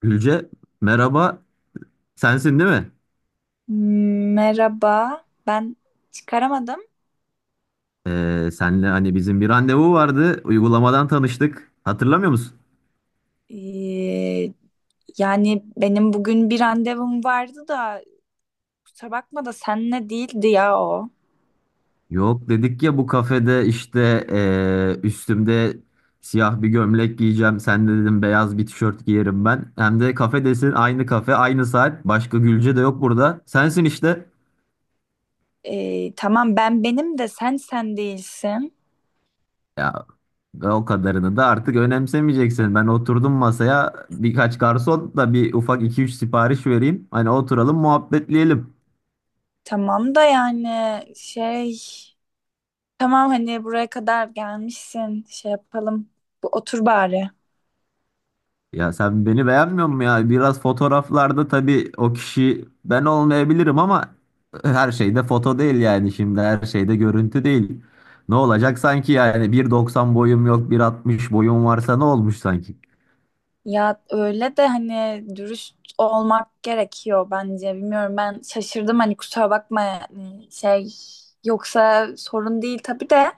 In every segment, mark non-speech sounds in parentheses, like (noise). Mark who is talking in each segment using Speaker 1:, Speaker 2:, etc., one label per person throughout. Speaker 1: Gülce, merhaba, sensin değil mi?
Speaker 2: Merhaba. Çıkaramadım.
Speaker 1: Senle hani bizim bir randevu vardı, uygulamadan tanıştık, hatırlamıyor musun?
Speaker 2: Ee, Yani benim bugün bir randevum vardı da kusura bakma da senle değildi ya o.
Speaker 1: Yok dedik ya bu kafede işte üstümde siyah bir gömlek giyeceğim, sen de dedim beyaz bir tişört giyerim ben. Hem de kafedesin, aynı kafe, aynı saat, başka Gülce de yok burada, sensin işte.
Speaker 2: Tamam ben benim de sen değilsin.
Speaker 1: Ya o kadarını da artık önemsemeyeceksin. Ben oturdum masaya, birkaç garson da bir ufak iki üç sipariş vereyim. Hani oturalım, muhabbetleyelim.
Speaker 2: Tamam da yani şey tamam hani buraya kadar gelmişsin şey yapalım. Bu otur bari.
Speaker 1: Ya sen beni beğenmiyor musun ya? Biraz fotoğraflarda tabii o kişi ben olmayabilirim ama her şeyde foto değil, yani şimdi her şeyde görüntü değil. Ne olacak sanki, yani bir doksan boyum yok, bir altmış boyum varsa ne olmuş sanki?
Speaker 2: Ya öyle de hani dürüst olmak gerekiyor bence. Bilmiyorum ben şaşırdım hani kusura bakma yani şey yoksa sorun değil tabii de.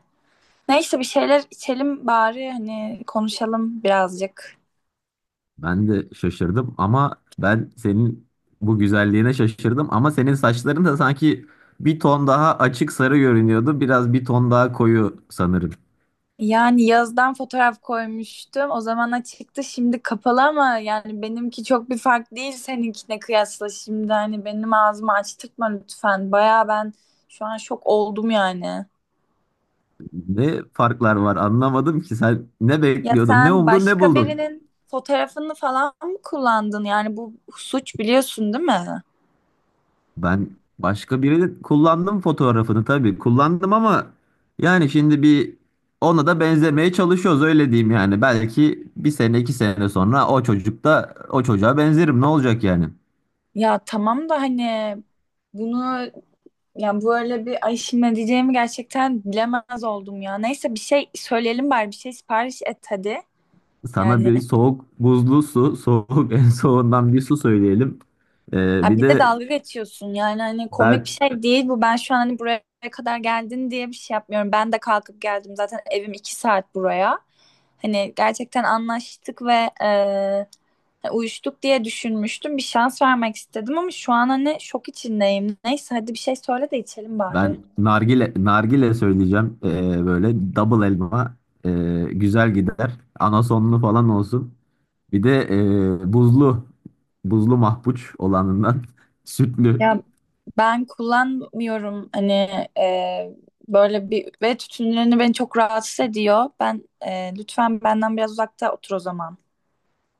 Speaker 2: Neyse bir şeyler içelim bari hani konuşalım birazcık.
Speaker 1: Ben de şaşırdım ama ben senin bu güzelliğine şaşırdım, ama senin saçların da sanki bir ton daha açık sarı görünüyordu, biraz bir ton daha koyu sanırım.
Speaker 2: Yani yazdan fotoğraf koymuştum. O zamana çıktı şimdi kapalı ama yani benimki çok bir fark değil seninkine kıyasla. Şimdi hani benim ağzımı açtırtma lütfen. Baya şu an şok oldum yani.
Speaker 1: Ne farklar var anlamadım ki, sen ne
Speaker 2: Ya
Speaker 1: bekliyordun, ne
Speaker 2: sen
Speaker 1: umdun, ne
Speaker 2: başka
Speaker 1: buldun?
Speaker 2: birinin fotoğrafını falan mı kullandın? Yani bu suç biliyorsun değil mi?
Speaker 1: Ben başka birini kullandım fotoğrafını tabii. Kullandım ama yani şimdi bir ona da benzemeye çalışıyoruz, öyle diyeyim yani. Belki bir sene iki sene sonra o çocuk da, o çocuğa benzerim, ne olacak yani.
Speaker 2: Ya tamam da hani bunu ya böyle bir ay şimdi ne diyeceğimi gerçekten bilemez oldum ya. Neyse bir şey söyleyelim bari, bir şey sipariş et hadi.
Speaker 1: Sana
Speaker 2: Yani.
Speaker 1: bir soğuk buzlu su, soğuk (laughs) en soğuğundan bir su söyleyelim.
Speaker 2: Ha
Speaker 1: Bir
Speaker 2: bir de
Speaker 1: de
Speaker 2: dalga geçiyorsun yani hani komik bir
Speaker 1: ben
Speaker 2: şey değil bu. Ben şu an hani buraya kadar geldin diye bir şey yapmıyorum. Ben de kalkıp geldim zaten, evim iki saat buraya. Hani gerçekten anlaştık ve uyuştuk diye düşünmüştüm. Bir şans vermek istedim ama şu an hani şok içindeyim. Neyse hadi bir şey söyle de içelim bari.
Speaker 1: ben nargile söyleyeceğim. Böyle double elma güzel gider. Anasonlu falan olsun. Bir de buzlu mahpuç olanından (laughs) sütlü.
Speaker 2: Ya ben kullanmıyorum hani, e, böyle bir ve tütünlerini beni çok rahatsız ediyor. Ben, lütfen benden biraz uzakta otur o zaman.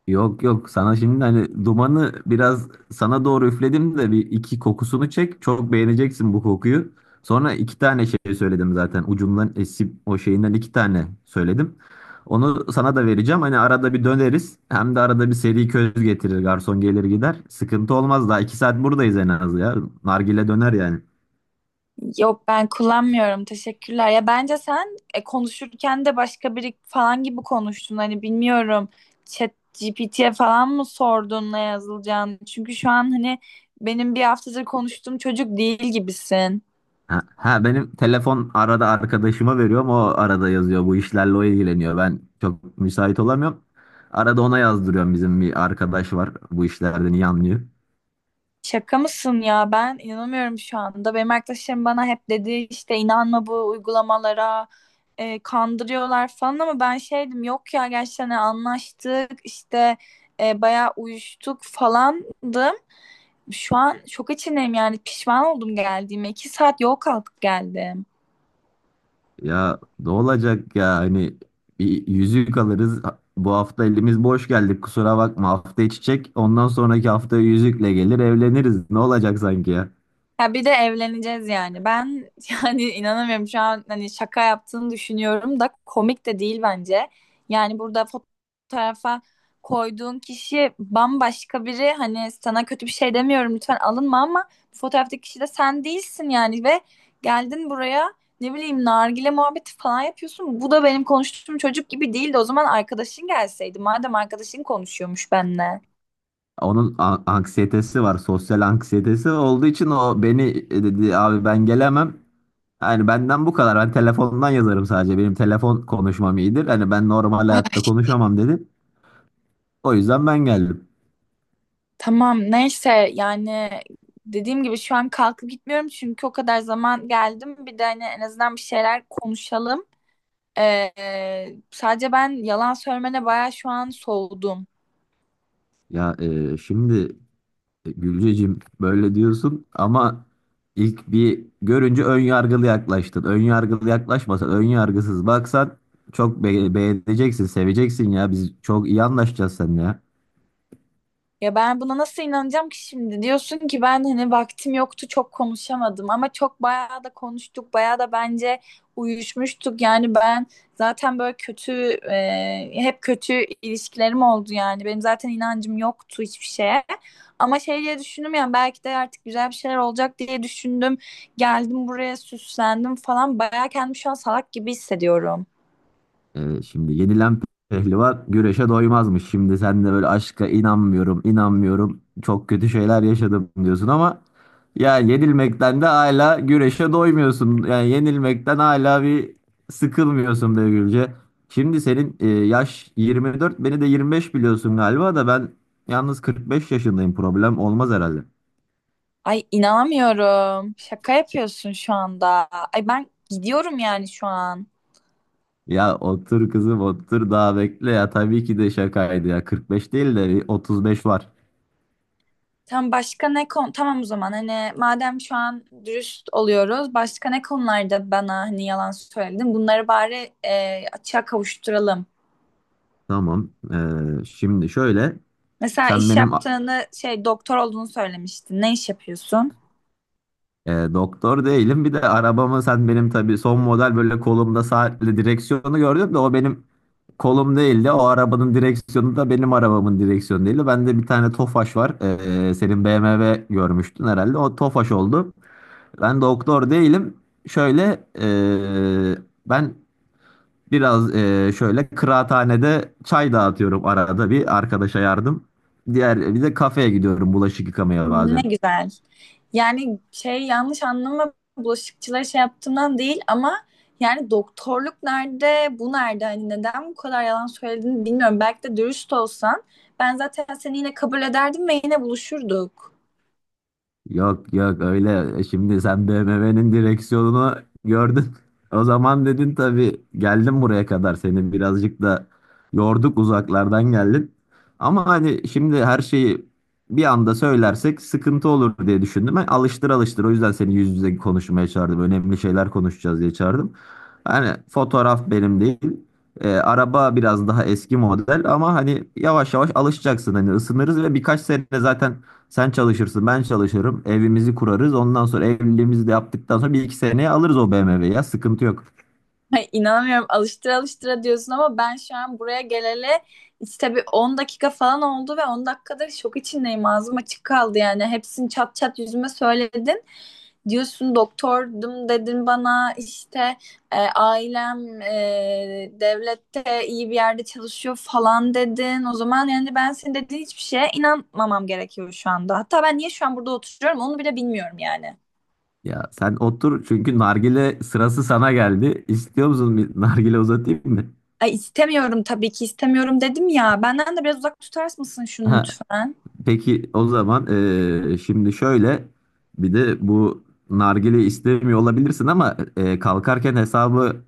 Speaker 1: Yok yok, sana şimdi hani dumanı biraz sana doğru üfledim de bir iki kokusunu çek. Çok beğeneceksin bu kokuyu. Sonra iki tane şey söyledim zaten, ucundan esip o şeyinden iki tane söyledim. Onu sana da vereceğim. Hani arada bir döneriz. Hem de arada bir seri köz getirir. Garson gelir gider. Sıkıntı olmaz. Daha iki saat buradayız en az ya. Nargile döner yani.
Speaker 2: Yok ben kullanmıyorum. Teşekkürler. Ya bence sen, konuşurken de başka biri falan gibi konuştun. Hani bilmiyorum. Chat GPT'ye falan mı sordun ne yazılacağını? Çünkü şu an hani benim bir haftadır konuştuğum çocuk değil gibisin.
Speaker 1: Ha, ha, benim telefon arada arkadaşıma veriyorum. O arada yazıyor. Bu işlerle o ilgileniyor. Ben çok müsait olamıyorum. Arada ona yazdırıyorum. Bizim bir arkadaş var. Bu işlerden iyi anlıyor.
Speaker 2: Şaka mısın ya? Ben inanamıyorum şu anda. Benim arkadaşlarım bana hep dedi işte inanma bu uygulamalara. Kandırıyorlar falan ama ben şeydim yok ya gerçekten hani anlaştık işte, bayağı uyuştuk falandım. Şu an şok içindeyim yani pişman oldum geldiğime. İki saat yol kalkıp geldim.
Speaker 1: Ya ne olacak ya, hani bir yüzük alırız. Bu hafta elimiz boş geldik. Kusura bakma. Hafta içecek. Ondan sonraki hafta yüzükle gelir evleniriz. Ne olacak sanki ya?
Speaker 2: Ya bir de evleneceğiz yani. Ben (laughs) yani inanamıyorum şu an hani şaka yaptığını düşünüyorum da komik de değil bence. Yani burada fotoğrafa koyduğun kişi bambaşka biri. Hani sana kötü bir şey demiyorum lütfen alınma ama bu fotoğraftaki kişi de sen değilsin yani ve geldin buraya ne bileyim nargile muhabbeti falan yapıyorsun. Bu da benim konuştuğum çocuk gibi değildi. O zaman arkadaşın gelseydi. Madem arkadaşın konuşuyormuş benimle.
Speaker 1: Onun anksiyetesi var. Sosyal anksiyetesi olduğu için o beni, dedi abi ben gelemem. Yani benden bu kadar. Ben telefondan yazarım sadece. Benim telefon konuşmam iyidir. Hani ben normal hayatta
Speaker 2: Ay.
Speaker 1: konuşamam dedi. O yüzden ben geldim.
Speaker 2: Tamam neyse yani dediğim gibi şu an kalkıp gitmiyorum çünkü o kadar zaman geldim. Bir de hani en azından bir şeyler konuşalım. Ee, Sadece ben yalan söylemene bayağı şu an soğudum.
Speaker 1: Ya şimdi Gülcecim, böyle diyorsun ama ilk bir görünce ön yargılı yaklaştın. Ön yargılı yaklaşmasan, ön yargısız baksan çok beğeneceksin, seveceksin ya. Biz çok iyi anlaşacağız seninle ya.
Speaker 2: Ya ben buna nasıl inanacağım ki şimdi? Diyorsun ki ben hani vaktim yoktu çok konuşamadım ama çok bayağı da konuştuk, bayağı da bence uyuşmuştuk yani ben zaten böyle kötü, hep kötü ilişkilerim oldu yani benim zaten inancım yoktu hiçbir şeye ama şey diye düşündüm yani belki de artık güzel bir şeyler olacak diye düşündüm, geldim buraya süslendim falan bayağı, kendimi şu an salak gibi hissediyorum.
Speaker 1: Şimdi yenilen pehlivan güreşe doymazmış. Şimdi sen de böyle aşka inanmıyorum, inanmıyorum, çok kötü şeyler yaşadım diyorsun ama yani yenilmekten de hala güreşe doymuyorsun. Yani yenilmekten hala bir sıkılmıyorsun be Gülce. Şimdi senin yaş 24, beni de 25 biliyorsun galiba da ben yalnız 45 yaşındayım. Problem olmaz herhalde.
Speaker 2: Ay inanamıyorum. Şaka yapıyorsun şu anda. Ay ben gidiyorum yani şu an.
Speaker 1: Ya otur kızım, otur daha bekle, ya tabii ki de şakaydı ya, 45 değil de bir 35 var.
Speaker 2: Tam başka ne konu? Tamam o zaman hani madem şu an dürüst oluyoruz. Başka ne konularda bana hani yalan söyledin? Bunları bari, açığa kavuşturalım.
Speaker 1: Tamam. Şimdi şöyle,
Speaker 2: Mesela
Speaker 1: sen
Speaker 2: iş
Speaker 1: benim a-
Speaker 2: yaptığını şey doktor olduğunu söylemiştin. Ne iş yapıyorsun?
Speaker 1: doktor değilim, bir de arabamı, sen benim tabii son model böyle kolumda saatli direksiyonu gördün de o benim kolum değildi. O arabanın direksiyonu da benim arabamın direksiyonu değildi. Bende bir tane Tofaş var. Senin BMW görmüştün herhalde. O Tofaş oldu. Ben doktor değilim. Şöyle e, ben biraz şöyle kıraathanede çay dağıtıyorum, arada bir arkadaşa yardım. Diğer bir de kafeye gidiyorum bulaşık yıkamaya
Speaker 2: Ne
Speaker 1: bazen.
Speaker 2: güzel. Yani şey yanlış anlama bulaşıkçılara şey yaptığımdan değil ama yani doktorluk nerede, bu nerede? Hani neden bu kadar yalan söylediğini bilmiyorum. Belki de dürüst olsan ben zaten seni yine kabul ederdim ve yine buluşurduk.
Speaker 1: Yok yok öyle, şimdi sen BMW'nin direksiyonunu gördün. (laughs) O zaman dedin tabii, geldim buraya kadar, seni birazcık da yorduk, uzaklardan geldin. Ama hani şimdi her şeyi bir anda söylersek sıkıntı olur diye düşündüm. Ben alıştır alıştır, o yüzden seni yüz yüze konuşmaya çağırdım. Önemli şeyler konuşacağız diye çağırdım. Hani fotoğraf benim değil. Araba biraz daha eski model ama hani yavaş yavaş alışacaksın, hani ısınırız ve birkaç sene zaten sen çalışırsın, ben çalışırım. Evimizi kurarız. Ondan sonra evliliğimizi de yaptıktan sonra bir iki seneye alırız o BMW'yi ya. Sıkıntı yok.
Speaker 2: Ay, inanamıyorum, alıştıra alıştıra diyorsun ama ben şu an buraya geleli işte bir 10 dakika falan oldu ve 10 dakikadır şok içindeyim. Ağzım açık kaldı yani. Hepsini çat çat yüzüme söyledin. Diyorsun doktordum, dedin bana işte, ailem devlette iyi bir yerde çalışıyor falan dedin. O zaman yani ben senin dediğin hiçbir şeye inanmamam gerekiyor şu anda. Hatta ben niye şu an burada oturuyorum onu bile bilmiyorum yani.
Speaker 1: Ya sen otur, çünkü nargile sırası sana geldi. İstiyor musun, bir nargile uzatayım mı?
Speaker 2: Ay istemiyorum, tabii ki istemiyorum dedim ya. Benden de biraz uzak tutar mısın şunu
Speaker 1: Ha,
Speaker 2: lütfen?
Speaker 1: peki o zaman şimdi şöyle, bir de bu nargile istemiyor olabilirsin ama kalkarken hesabı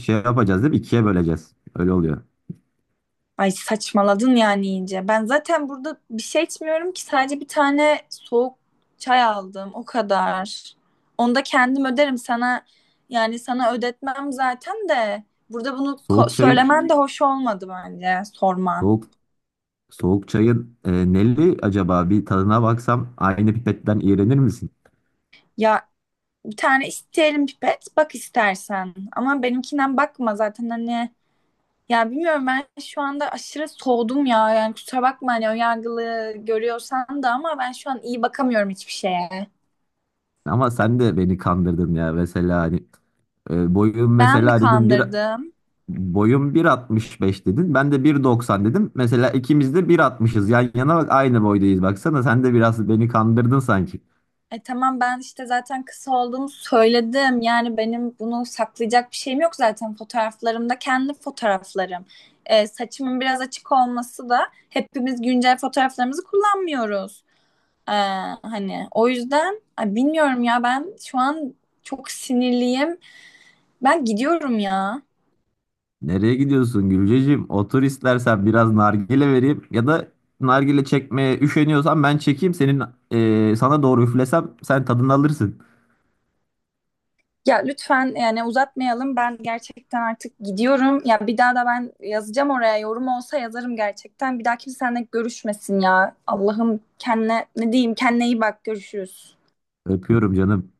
Speaker 1: şey yapacağız değil mi? İkiye böleceğiz. Öyle oluyor.
Speaker 2: Ay saçmaladın yani iyice. Ben zaten burada bir şey içmiyorum ki, sadece bir tane soğuk çay aldım o kadar. Onu da kendim öderim, sana yani sana ödetmem zaten de burada bunu
Speaker 1: Soğuk çayın,
Speaker 2: söylemen de hoş olmadı bence, sorman.
Speaker 1: soğuk Soğuk çayın neli acaba, bir tadına baksam aynı pipetten iğrenir misin?
Speaker 2: Ya bir tane isteyelim pipet bak istersen ama benimkinden bakma zaten hani ya bilmiyorum ben şu anda aşırı soğudum ya yani kusura bakma hani önyargılı görüyorsan da ama ben şu an iyi bakamıyorum hiçbir şeye.
Speaker 1: Ama sen de beni kandırdın ya, mesela hani boyum
Speaker 2: Ben mi
Speaker 1: mesela dedim, bir
Speaker 2: kandırdım?
Speaker 1: boyum 1.65 dedin, ben de 1.90 dedim. Mesela ikimiz de 1.60'ız, yan yana bak aynı boydayız, baksana sen de biraz beni kandırdın sanki.
Speaker 2: E tamam ben işte zaten kısa olduğumu söyledim. Yani benim bunu saklayacak bir şeyim yok zaten. Fotoğraflarımda kendi fotoğraflarım. E, saçımın biraz açık olması da, hepimiz güncel fotoğraflarımızı kullanmıyoruz. E, hani o yüzden ay, bilmiyorum ya ben şu an çok sinirliyim. Ben gidiyorum ya.
Speaker 1: Nereye gidiyorsun Gülceciğim? Otur istersen, biraz nargile vereyim, ya da nargile çekmeye üşeniyorsan ben çekeyim, senin sana doğru üflesem sen tadını alırsın.
Speaker 2: Ya lütfen yani uzatmayalım. Ben gerçekten artık gidiyorum. Ya bir daha da ben yazacağım oraya. Yorum olsa yazarım gerçekten. Bir daha kimse seninle görüşmesin ya. Allah'ım kendine ne diyeyim? Kendine iyi bak. Görüşürüz.
Speaker 1: Öpüyorum canım.